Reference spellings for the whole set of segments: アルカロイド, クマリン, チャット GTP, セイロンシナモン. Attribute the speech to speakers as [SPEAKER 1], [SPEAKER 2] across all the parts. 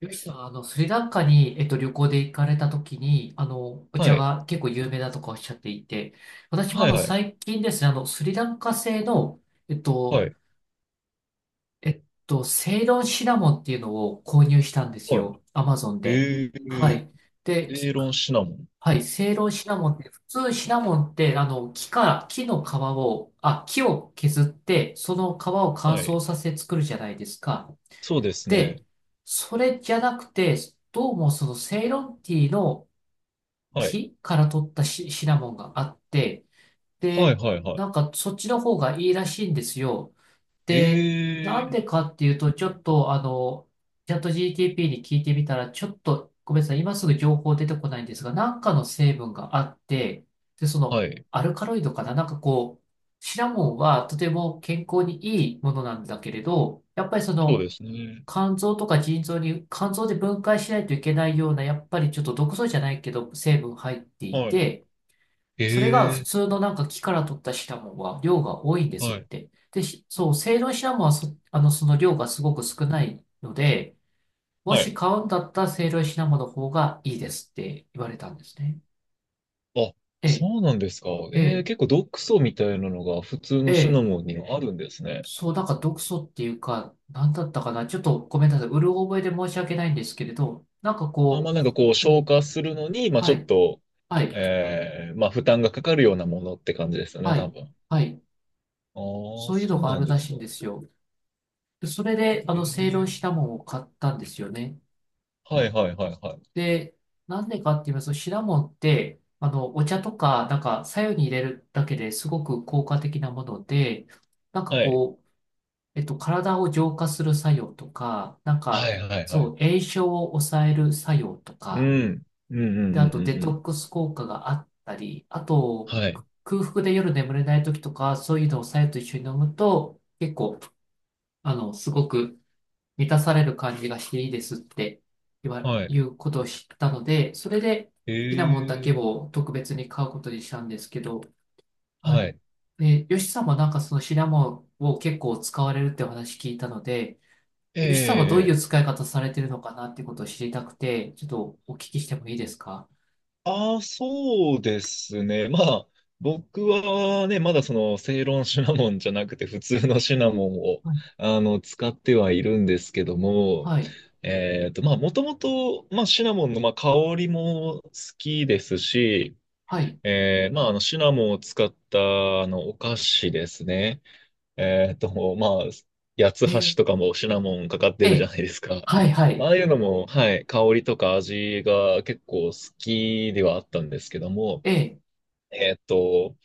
[SPEAKER 1] よしさん、スリランカに、旅行で行かれた時に、お
[SPEAKER 2] は
[SPEAKER 1] 茶
[SPEAKER 2] い。
[SPEAKER 1] が結構有名だとかおっしゃっていて、私も
[SPEAKER 2] はいはい。
[SPEAKER 1] 最近ですね、スリランカ製の、えっ
[SPEAKER 2] は
[SPEAKER 1] と、
[SPEAKER 2] い。
[SPEAKER 1] セイロンシナモンっていうのを購入したんです
[SPEAKER 2] はい。
[SPEAKER 1] よ。アマゾンで。
[SPEAKER 2] え
[SPEAKER 1] は
[SPEAKER 2] ー、
[SPEAKER 1] い。で、
[SPEAKER 2] エーロンシナモン。
[SPEAKER 1] はい、セイロンシナモンって、普通シナモンって、木から、木の皮を、あ、木を削って、その皮を乾
[SPEAKER 2] は
[SPEAKER 1] 燥
[SPEAKER 2] い。
[SPEAKER 1] させて作るじゃないですか。
[SPEAKER 2] そうですね。
[SPEAKER 1] で、それじゃなくて、どうもそのセイロンティーの
[SPEAKER 2] はい。
[SPEAKER 1] 木から取ったシナモンがあって、
[SPEAKER 2] はい
[SPEAKER 1] で、
[SPEAKER 2] はいはい。
[SPEAKER 1] なんかそっちの方がいいらしいんですよ。で、なん
[SPEAKER 2] え
[SPEAKER 1] でかっていうと、ちょっとチャット GTP に聞いてみたら、ちょっとごめんなさい、今すぐ情報出てこないんですが、なんかの成分があって、で、その
[SPEAKER 2] はい。
[SPEAKER 1] アルカロイドかな、なんかこう、シナモンはとても健康にいいものなんだけれど、やっぱりそ
[SPEAKER 2] そう
[SPEAKER 1] の、
[SPEAKER 2] ですね。
[SPEAKER 1] 肝臓とか腎臓に、肝臓で分解しないといけないような、やっぱりちょっと毒素じゃないけど、成分入ってい
[SPEAKER 2] はい。
[SPEAKER 1] て、それが普
[SPEAKER 2] え
[SPEAKER 1] 通のなんか木から取ったシナモンは量が多いんですっ
[SPEAKER 2] はい。
[SPEAKER 1] て。で、しそう、セイロンシナモンはその量がすごく少ないので、も
[SPEAKER 2] は
[SPEAKER 1] し
[SPEAKER 2] い。
[SPEAKER 1] 買うんだったらセイロンシナモンの方がいいですって言われたんですね。
[SPEAKER 2] あ、
[SPEAKER 1] ええ、
[SPEAKER 2] そうなんですか。
[SPEAKER 1] ええ、
[SPEAKER 2] 結構毒素みたいなのが普通
[SPEAKER 1] え
[SPEAKER 2] のシナ
[SPEAKER 1] え。
[SPEAKER 2] モンにはあるんですね。
[SPEAKER 1] そう、なんか毒素っていうか、なんだったかな。ちょっとごめんなさい。うる覚えで申し訳ないんですけれど、なんか
[SPEAKER 2] あ、ま
[SPEAKER 1] こ
[SPEAKER 2] あなんかこう
[SPEAKER 1] う、う
[SPEAKER 2] 消
[SPEAKER 1] ん、
[SPEAKER 2] 化するのに、まあ
[SPEAKER 1] は
[SPEAKER 2] ちょっ
[SPEAKER 1] い。
[SPEAKER 2] と、
[SPEAKER 1] はい。
[SPEAKER 2] まあ負担がかかるようなものって感じですよね、
[SPEAKER 1] は
[SPEAKER 2] 多
[SPEAKER 1] い。
[SPEAKER 2] 分。
[SPEAKER 1] はい。
[SPEAKER 2] ああ、
[SPEAKER 1] そういう
[SPEAKER 2] そ
[SPEAKER 1] の
[SPEAKER 2] う
[SPEAKER 1] があ
[SPEAKER 2] なん
[SPEAKER 1] る
[SPEAKER 2] で
[SPEAKER 1] ら
[SPEAKER 2] す
[SPEAKER 1] しい
[SPEAKER 2] か。
[SPEAKER 1] んですよ。で、それで、
[SPEAKER 2] え
[SPEAKER 1] セイロ
[SPEAKER 2] ー、
[SPEAKER 1] ンシナモンを買ったんですよね。
[SPEAKER 2] はいはいはいはい。
[SPEAKER 1] で、なんでかって言いますと、シナモンって、お茶とか、なんか、白湯に入れるだけですごく効果的なもので、なんか
[SPEAKER 2] はい。
[SPEAKER 1] こう、体を浄化する作用とか、なん
[SPEAKER 2] は
[SPEAKER 1] か、
[SPEAKER 2] いはいはい。
[SPEAKER 1] そう、炎症を抑える作用と
[SPEAKER 2] う
[SPEAKER 1] か、
[SPEAKER 2] ん。うんうん
[SPEAKER 1] で、
[SPEAKER 2] う
[SPEAKER 1] あ
[SPEAKER 2] ん
[SPEAKER 1] と、
[SPEAKER 2] う
[SPEAKER 1] デ
[SPEAKER 2] んう
[SPEAKER 1] トッ
[SPEAKER 2] ん。
[SPEAKER 1] クス効果があったり、あと、
[SPEAKER 2] はい。
[SPEAKER 1] 空腹で夜眠れない時とか、そういうのを白湯と一緒に飲むと、結構、すごく満たされる感じがしていいですって
[SPEAKER 2] はい。
[SPEAKER 1] いうことを知ったので、それで
[SPEAKER 2] え
[SPEAKER 1] シナモンだけ
[SPEAKER 2] え、
[SPEAKER 1] を特別に買うことにしたんですけど、は
[SPEAKER 2] は
[SPEAKER 1] い。
[SPEAKER 2] い。
[SPEAKER 1] で、ヨシさんもなんかそのシナモンを結構使われるってお話聞いたので、ヨシさんはどうい
[SPEAKER 2] え
[SPEAKER 1] う
[SPEAKER 2] え、
[SPEAKER 1] 使い方されてるのかなってことを知りたくて、ちょっとお聞きしてもいいですか？
[SPEAKER 2] ああ、そうですね。まあ、僕はね、まだその、正論シナモンじゃなくて、普通のシナモンを、
[SPEAKER 1] はい。
[SPEAKER 2] あの、使ってはいるんですけども、
[SPEAKER 1] はい。
[SPEAKER 2] まあ、もともと、まあ、シナモンの、まあ、香りも好きですし、
[SPEAKER 1] はい。
[SPEAKER 2] まあ、あの、シナモンを使った、あの、お菓子ですね。まあ、八つ
[SPEAKER 1] え
[SPEAKER 2] 橋とかもシナモンかかっ
[SPEAKER 1] ー、
[SPEAKER 2] てるじゃ
[SPEAKER 1] えー、
[SPEAKER 2] ないですか。
[SPEAKER 1] はい、は
[SPEAKER 2] まあ、
[SPEAKER 1] い。
[SPEAKER 2] ああいうのも、はい、香りとか味が結構好きではあったんですけども、
[SPEAKER 1] えー、
[SPEAKER 2] えーっと、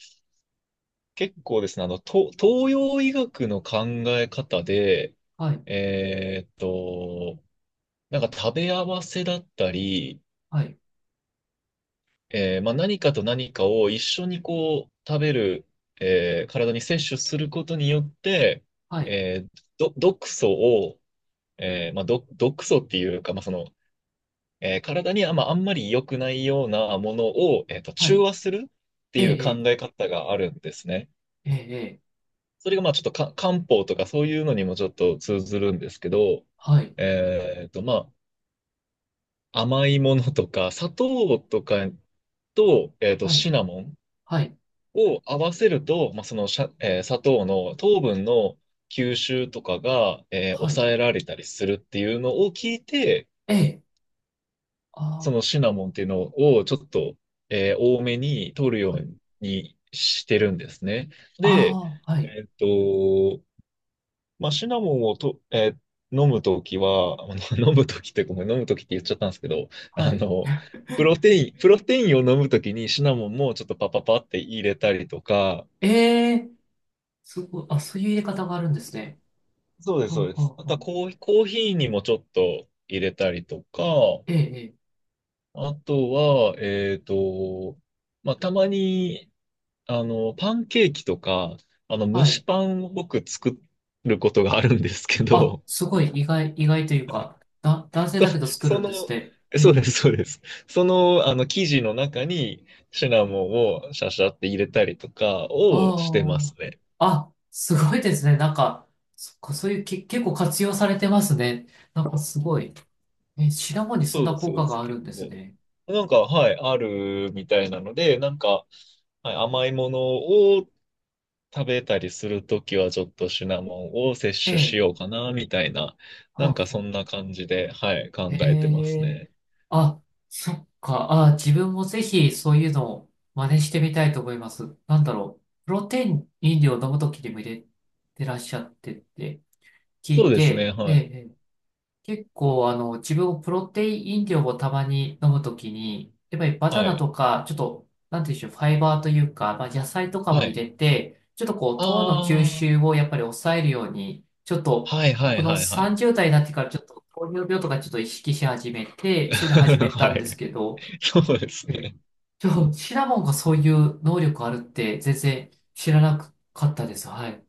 [SPEAKER 2] 結構ですね、あの、東洋医学の考え方で、
[SPEAKER 1] はい、
[SPEAKER 2] えーっと、なんか食べ合わせだったり、
[SPEAKER 1] はい、
[SPEAKER 2] まあ、何かと何かを一緒にこう食べる、体に摂取することによって、
[SPEAKER 1] はい、
[SPEAKER 2] えー毒素をまあ、毒素っていうか、まあその体にまあ、あんまり良くないようなものを、
[SPEAKER 1] は
[SPEAKER 2] 中
[SPEAKER 1] い。
[SPEAKER 2] 和するって
[SPEAKER 1] え
[SPEAKER 2] い
[SPEAKER 1] ー、
[SPEAKER 2] う考
[SPEAKER 1] え
[SPEAKER 2] え方があるんですね。
[SPEAKER 1] ー、えーえー
[SPEAKER 2] それがまあちょっとか漢方とかそういうのにもちょっと通ずるんですけど、
[SPEAKER 1] はい、
[SPEAKER 2] まあ、甘いものとか砂糖とか
[SPEAKER 1] はい。
[SPEAKER 2] シナモン
[SPEAKER 1] はい
[SPEAKER 2] を合わせると、まあ、その砂糖の糖分の吸収とかが、
[SPEAKER 1] はい。
[SPEAKER 2] 抑えられたりするっていうのを聞いて、
[SPEAKER 1] ええ。
[SPEAKER 2] そ
[SPEAKER 1] あ
[SPEAKER 2] のシナモンっていうのをちょっと、多めに取る
[SPEAKER 1] あ、
[SPEAKER 2] よ
[SPEAKER 1] はい。
[SPEAKER 2] うにしてるんですね。で、
[SPEAKER 1] ああ、はい。
[SPEAKER 2] えっと、まあ、シナモンを飲むときは、あの飲むときってごめん、飲むときって言っちゃったんですけど、
[SPEAKER 1] は
[SPEAKER 2] あ
[SPEAKER 1] い。
[SPEAKER 2] の、プロテインを飲むときにシナモンもちょっとパパパって入れたりとか、
[SPEAKER 1] ええ、すごい。あ、そういう入れ方があるんですね。
[SPEAKER 2] そうです、
[SPEAKER 1] は
[SPEAKER 2] そうで
[SPEAKER 1] あ、
[SPEAKER 2] す。
[SPEAKER 1] は
[SPEAKER 2] あ
[SPEAKER 1] あ、
[SPEAKER 2] と
[SPEAKER 1] は
[SPEAKER 2] は
[SPEAKER 1] あ。
[SPEAKER 2] コーヒーにもちょっと入れたりとか、
[SPEAKER 1] ええ、ええ。
[SPEAKER 2] あとは、まあ、たまに、あの、パンケーキとか、あの、蒸
[SPEAKER 1] は
[SPEAKER 2] し
[SPEAKER 1] い。
[SPEAKER 2] パンを僕作ることがあるんですけ
[SPEAKER 1] あ、
[SPEAKER 2] ど、
[SPEAKER 1] すごい。意外、意外というか、男性だ けど作
[SPEAKER 2] そ、そ
[SPEAKER 1] るんです
[SPEAKER 2] の、
[SPEAKER 1] ね。え
[SPEAKER 2] そうで
[SPEAKER 1] え。
[SPEAKER 2] す、そうです。その、あの、生地の中にシナモンをシャシャって入れたりとかをしてま
[SPEAKER 1] あ
[SPEAKER 2] すね。
[SPEAKER 1] あ。あ、すごいですね。なんか、そっか、そういうけ、結構活用されてますね。なんかすごい。え、シナモンにそん
[SPEAKER 2] そうで
[SPEAKER 1] な
[SPEAKER 2] す、そ
[SPEAKER 1] 効
[SPEAKER 2] う
[SPEAKER 1] 果
[SPEAKER 2] です
[SPEAKER 1] があ
[SPEAKER 2] け
[SPEAKER 1] るんです
[SPEAKER 2] ど。
[SPEAKER 1] ね。
[SPEAKER 2] なんか、はい、あるみたいなので、なんか、はい、甘いものを食べたりするときは、ちょっとシナモンを摂
[SPEAKER 1] え
[SPEAKER 2] 取し
[SPEAKER 1] え。
[SPEAKER 2] ようかな、みたいな、な
[SPEAKER 1] は
[SPEAKER 2] んか
[SPEAKER 1] あ、
[SPEAKER 2] そ
[SPEAKER 1] は
[SPEAKER 2] ん
[SPEAKER 1] あ。
[SPEAKER 2] な感じで、はい、
[SPEAKER 1] え
[SPEAKER 2] 考えてます
[SPEAKER 1] え。
[SPEAKER 2] ね。
[SPEAKER 1] あ、そっか。あ、自分もぜひそういうのを真似してみたいと思います。なんだろう。プロテイン飲料を飲むときにも入れてらっしゃってって聞
[SPEAKER 2] そう
[SPEAKER 1] い
[SPEAKER 2] ですね、
[SPEAKER 1] て、え
[SPEAKER 2] は
[SPEAKER 1] え、
[SPEAKER 2] い。
[SPEAKER 1] 結構、自分もプロテイン飲料をたまに飲むときに、やっぱりバナ
[SPEAKER 2] は
[SPEAKER 1] ナ
[SPEAKER 2] い。
[SPEAKER 1] とか、ちょっと、なんていうんでしょう、ファイバーというか、まあ、野菜とか
[SPEAKER 2] は
[SPEAKER 1] も入
[SPEAKER 2] い。
[SPEAKER 1] れて、ちょっとこう、糖の吸
[SPEAKER 2] ああ、
[SPEAKER 1] 収をやっぱり抑えるように、ちょっと、
[SPEAKER 2] はいは
[SPEAKER 1] こ
[SPEAKER 2] い
[SPEAKER 1] の
[SPEAKER 2] はいはい。
[SPEAKER 1] 30代になってからちょっと糖尿病とかちょっと意識し始めて、そういうの始 め
[SPEAKER 2] は
[SPEAKER 1] たんです
[SPEAKER 2] い。
[SPEAKER 1] けど、
[SPEAKER 2] そうです
[SPEAKER 1] え
[SPEAKER 2] ね。
[SPEAKER 1] ちょ、シナモンがそういう能力あるって全然知らなかったです。はい。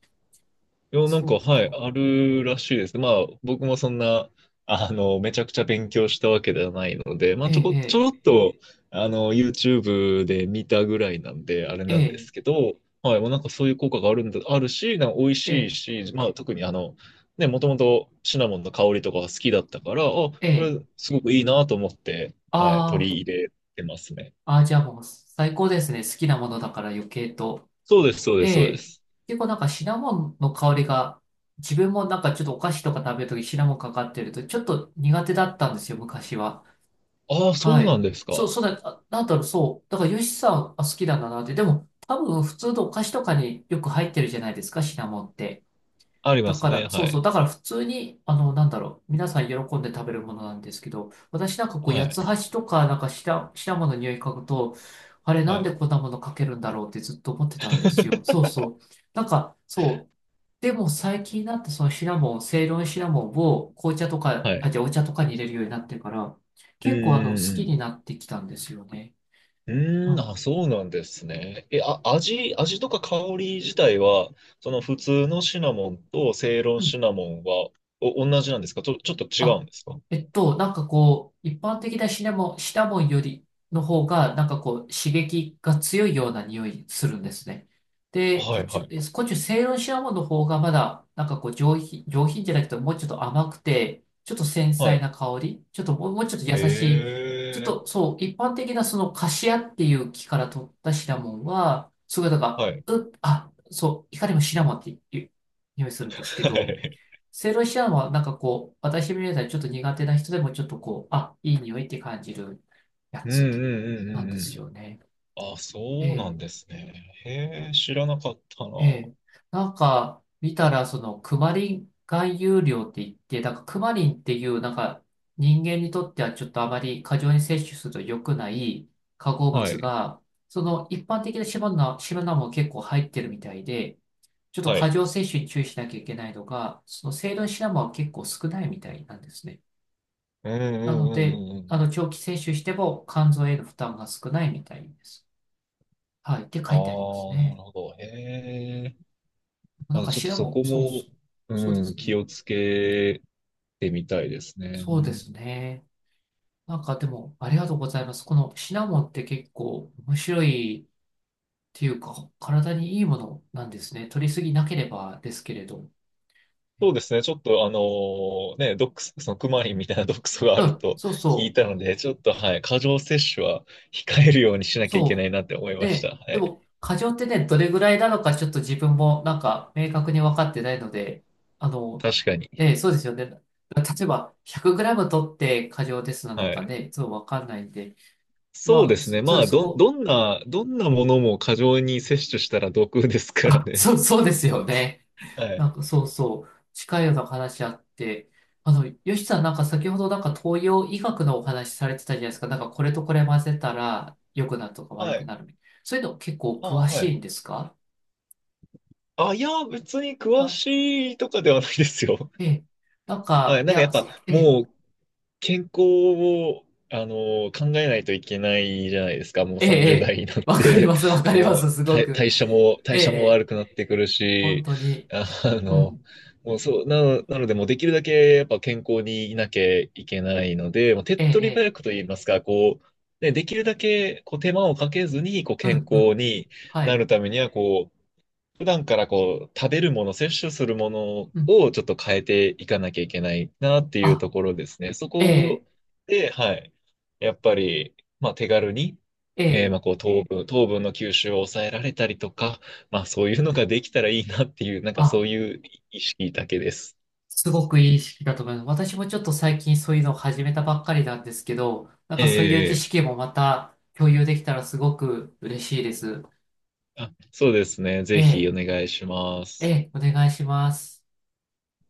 [SPEAKER 2] い
[SPEAKER 1] あ
[SPEAKER 2] や、なん
[SPEAKER 1] そ
[SPEAKER 2] か、
[SPEAKER 1] う
[SPEAKER 2] はい、
[SPEAKER 1] か。
[SPEAKER 2] あるらしいです。まあ、僕もそんな、あの、めちゃくちゃ勉強したわけではないので、ま
[SPEAKER 1] え
[SPEAKER 2] あ、ちょ
[SPEAKER 1] え、
[SPEAKER 2] ろっと、あの、YouTube で見たぐらいなんで、あれ
[SPEAKER 1] え
[SPEAKER 2] なんで
[SPEAKER 1] え、
[SPEAKER 2] すけど、はい、もうなんかそういう効果があるんだ、あるし、なんか美味
[SPEAKER 1] ええ、
[SPEAKER 2] しい
[SPEAKER 1] え
[SPEAKER 2] し、まあ、特にあの、ね、もともとシナモンの香りとかが好きだったから、あ、こ
[SPEAKER 1] え、ええ、
[SPEAKER 2] れ、すごくいいなと思って、はい、取
[SPEAKER 1] ああ。
[SPEAKER 2] り入れてますね。
[SPEAKER 1] ああ、じゃあもう最高ですね。好きなものだから余計と。
[SPEAKER 2] そうです、そうで
[SPEAKER 1] え
[SPEAKER 2] す、そうで
[SPEAKER 1] え。
[SPEAKER 2] す。
[SPEAKER 1] 結構なんかシナモンの香りが、自分もなんかちょっとお菓子とか食べるときシナモンかかってると、ちょっと苦手だったんですよ、昔は。
[SPEAKER 2] ああ、そ
[SPEAKER 1] は
[SPEAKER 2] うな
[SPEAKER 1] い。
[SPEAKER 2] んです
[SPEAKER 1] そう、
[SPEAKER 2] か。
[SPEAKER 1] そうだ、あなんだろう、そう。だからヨシさん、あ、好きなんだなって。でも、多分普通のお菓子とかによく入ってるじゃないですか、シナモンって。
[SPEAKER 2] あり
[SPEAKER 1] だ
[SPEAKER 2] ます
[SPEAKER 1] か
[SPEAKER 2] ね、
[SPEAKER 1] ら、そ
[SPEAKER 2] は
[SPEAKER 1] うそう、
[SPEAKER 2] い。
[SPEAKER 1] だから普通に、なんだろう、皆さん喜んで食べるものなんですけど、私なんかこう、
[SPEAKER 2] は
[SPEAKER 1] 八
[SPEAKER 2] い、
[SPEAKER 1] つ橋とか、なんか下もの匂い嗅ぐと、あれ、な
[SPEAKER 2] は
[SPEAKER 1] んで
[SPEAKER 2] い。
[SPEAKER 1] こんなものかけるんだろうってずっと思ってたんですよ。そう そう。なんか、そう。でも最近になって、そのシナモン、セイロンシナモンを紅茶とか、
[SPEAKER 2] は
[SPEAKER 1] あ、
[SPEAKER 2] い。
[SPEAKER 1] じゃあお茶とかに入れるようになってから、
[SPEAKER 2] う
[SPEAKER 1] 結構好
[SPEAKER 2] ー
[SPEAKER 1] きに
[SPEAKER 2] ん。
[SPEAKER 1] なってきたんですよね。
[SPEAKER 2] う
[SPEAKER 1] う
[SPEAKER 2] あ、
[SPEAKER 1] ん
[SPEAKER 2] そうなんですね。え、あ、味とか香り自体は、その普通のシナモンとセイロンシナモンは、同じなんですか、ちょっと違う
[SPEAKER 1] あ、
[SPEAKER 2] んですか。
[SPEAKER 1] なんかこう、一般的なシナモン、シナモンよりの方が、なんかこう、刺激が強いような匂いするんですね。で、
[SPEAKER 2] は
[SPEAKER 1] こっ
[SPEAKER 2] いは
[SPEAKER 1] ち、
[SPEAKER 2] い
[SPEAKER 1] セイロンシナモンの方がまだ、なんかこう、上品、上品じゃなくて、もうちょっと甘くて、ちょっと繊
[SPEAKER 2] はい。は
[SPEAKER 1] 細
[SPEAKER 2] い。
[SPEAKER 1] な香り、ちょっともう、もうちょっと優しい、ちょっ
[SPEAKER 2] ええ、
[SPEAKER 1] とそう、一般的なそのカシアっていう木から取ったシナモンは、すごいなんか、
[SPEAKER 2] はい。
[SPEAKER 1] う、あ、そう、いかにもシナモンっていう匂いするんですけ
[SPEAKER 2] は
[SPEAKER 1] ど、
[SPEAKER 2] い。
[SPEAKER 1] セイロシアンはなんかこう、私みたいにちょっと苦手な人でもちょっとこう、あ、いい匂いって感じるや
[SPEAKER 2] うんう
[SPEAKER 1] つ
[SPEAKER 2] んうんう
[SPEAKER 1] なんで
[SPEAKER 2] んう
[SPEAKER 1] す
[SPEAKER 2] ん。
[SPEAKER 1] よね。
[SPEAKER 2] あ、
[SPEAKER 1] え
[SPEAKER 2] そうな
[SPEAKER 1] え、
[SPEAKER 2] んですね。へえ、知らなかったな。
[SPEAKER 1] ええ。なんか見たらそのクマリン含有量って言って、なんかクマリンっていうなんか人間にとってはちょっとあまり過剰に摂取すると良くない化合
[SPEAKER 2] は
[SPEAKER 1] 物
[SPEAKER 2] い。
[SPEAKER 1] が、その一般的なシナナも結構入ってるみたいで、ちょっと
[SPEAKER 2] は
[SPEAKER 1] 過
[SPEAKER 2] い。
[SPEAKER 1] 剰摂取に注意しなきゃいけないのが、その成分シナモンは結構少ないみたいなんですね。
[SPEAKER 2] うんうん
[SPEAKER 1] な
[SPEAKER 2] う
[SPEAKER 1] の
[SPEAKER 2] ん
[SPEAKER 1] で、
[SPEAKER 2] うんうん。
[SPEAKER 1] 長期摂取しても肝臓への負担が少ないみたいです。はい。って
[SPEAKER 2] あ
[SPEAKER 1] 書いてあります
[SPEAKER 2] あ、な
[SPEAKER 1] ね。
[SPEAKER 2] るほど。へえ。
[SPEAKER 1] な
[SPEAKER 2] ま
[SPEAKER 1] ん
[SPEAKER 2] あ、
[SPEAKER 1] か
[SPEAKER 2] ちょっ
[SPEAKER 1] 調
[SPEAKER 2] と
[SPEAKER 1] べ
[SPEAKER 2] そ
[SPEAKER 1] も、
[SPEAKER 2] こ
[SPEAKER 1] そう
[SPEAKER 2] も、
[SPEAKER 1] そう。そうで
[SPEAKER 2] うん、
[SPEAKER 1] すね。
[SPEAKER 2] 気をつけてみたいですね。
[SPEAKER 1] そうですね。なんかでも、ありがとうございます。このシナモンって結構面白いっていうか、体にいいものなんですね。取りすぎなければですけれど。
[SPEAKER 2] そうですね。ちょっとあのね、毒素、そのクマリンみたいな毒素があ
[SPEAKER 1] う
[SPEAKER 2] る
[SPEAKER 1] ん、
[SPEAKER 2] と
[SPEAKER 1] そう
[SPEAKER 2] 聞い
[SPEAKER 1] そう。
[SPEAKER 2] たので、ちょっとはい、過剰摂取は控えるようにしなきゃいけな
[SPEAKER 1] そ
[SPEAKER 2] いなって思い
[SPEAKER 1] う。
[SPEAKER 2] まし
[SPEAKER 1] で、
[SPEAKER 2] た。は
[SPEAKER 1] で
[SPEAKER 2] い。
[SPEAKER 1] も、過剰ってね、どれぐらいなのか、ちょっと自分もなんか明確に分かってないので、あの、
[SPEAKER 2] 確かに。
[SPEAKER 1] ええ、そうですよね。例えば、1 0 0ム取って過剰ですなの
[SPEAKER 2] は
[SPEAKER 1] か
[SPEAKER 2] い。
[SPEAKER 1] ね、そう分かんないんで、
[SPEAKER 2] そう
[SPEAKER 1] ま
[SPEAKER 2] で
[SPEAKER 1] あ、
[SPEAKER 2] すね。
[SPEAKER 1] そ、
[SPEAKER 2] ま
[SPEAKER 1] そ
[SPEAKER 2] あ、
[SPEAKER 1] そこ、
[SPEAKER 2] どんなものも過剰に摂取したら毒ですから
[SPEAKER 1] あ、
[SPEAKER 2] ね。
[SPEAKER 1] そう、そうですよね。
[SPEAKER 2] は
[SPEAKER 1] な
[SPEAKER 2] い。
[SPEAKER 1] んか、そうそう、近いような話あって、よしさん、なんか先ほどなんか東洋医学のお話されてたじゃないですか。なんかこれとこれ混ぜたら良くなるとか悪
[SPEAKER 2] は
[SPEAKER 1] く
[SPEAKER 2] い。
[SPEAKER 1] なるみたいな。そういうの結構
[SPEAKER 2] あ、
[SPEAKER 1] 詳
[SPEAKER 2] は
[SPEAKER 1] し
[SPEAKER 2] い。
[SPEAKER 1] いんですか？
[SPEAKER 2] あ、いや、別に詳
[SPEAKER 1] あ
[SPEAKER 2] しいとかではないですよ。
[SPEAKER 1] ええ。なん
[SPEAKER 2] は
[SPEAKER 1] か、
[SPEAKER 2] い。
[SPEAKER 1] い
[SPEAKER 2] なんかやっ
[SPEAKER 1] や、
[SPEAKER 2] ぱ、
[SPEAKER 1] ええ、
[SPEAKER 2] もう健康を、あの、考えないといけないじゃないですか。もう
[SPEAKER 1] ええ、え
[SPEAKER 2] 30代
[SPEAKER 1] え
[SPEAKER 2] になっ
[SPEAKER 1] わかり
[SPEAKER 2] て、
[SPEAKER 1] ます、わ かりま
[SPEAKER 2] も
[SPEAKER 1] す、
[SPEAKER 2] う
[SPEAKER 1] すごく。え
[SPEAKER 2] 代
[SPEAKER 1] え、え
[SPEAKER 2] 謝も悪
[SPEAKER 1] え
[SPEAKER 2] くなってくる
[SPEAKER 1] 本
[SPEAKER 2] し、
[SPEAKER 1] 当に。
[SPEAKER 2] あ
[SPEAKER 1] う
[SPEAKER 2] の、
[SPEAKER 1] ん。
[SPEAKER 2] もうなので、もうできるだけやっぱ健康にいなきゃいけないので、もう手っ
[SPEAKER 1] ええ、
[SPEAKER 2] 取り早
[SPEAKER 1] ええ
[SPEAKER 2] くと言いますか、こう、ね、できるだけこう手間をかけずにこう
[SPEAKER 1] う
[SPEAKER 2] 健
[SPEAKER 1] ん、う
[SPEAKER 2] 康
[SPEAKER 1] ん。
[SPEAKER 2] に
[SPEAKER 1] は
[SPEAKER 2] な
[SPEAKER 1] い。
[SPEAKER 2] るためには、こう、普段からこう、食べるもの、摂取するもの
[SPEAKER 1] うん。
[SPEAKER 2] をちょっと変えていかなきゃいけないなっていう
[SPEAKER 1] あ、
[SPEAKER 2] ところですね。そ
[SPEAKER 1] え
[SPEAKER 2] こ
[SPEAKER 1] え、
[SPEAKER 2] で、はい。やっぱり、まあ手軽に、
[SPEAKER 1] ええ、
[SPEAKER 2] まあこう糖分、糖分の吸収を抑えられたりとか、まあそういうのができたらいいなっていう、なんかそ
[SPEAKER 1] あ、
[SPEAKER 2] ういう意識だけです。
[SPEAKER 1] すごくいい識だと思います。私もちょっと最近そういうのを始めたばっかりなんですけど、なんかそういう知
[SPEAKER 2] ええ、
[SPEAKER 1] 識もまた共有できたらすごく嬉しいです。
[SPEAKER 2] あ、そうですね。
[SPEAKER 1] え
[SPEAKER 2] ぜひ
[SPEAKER 1] え、
[SPEAKER 2] お願いしま
[SPEAKER 1] え
[SPEAKER 2] す。
[SPEAKER 1] え、お願いします。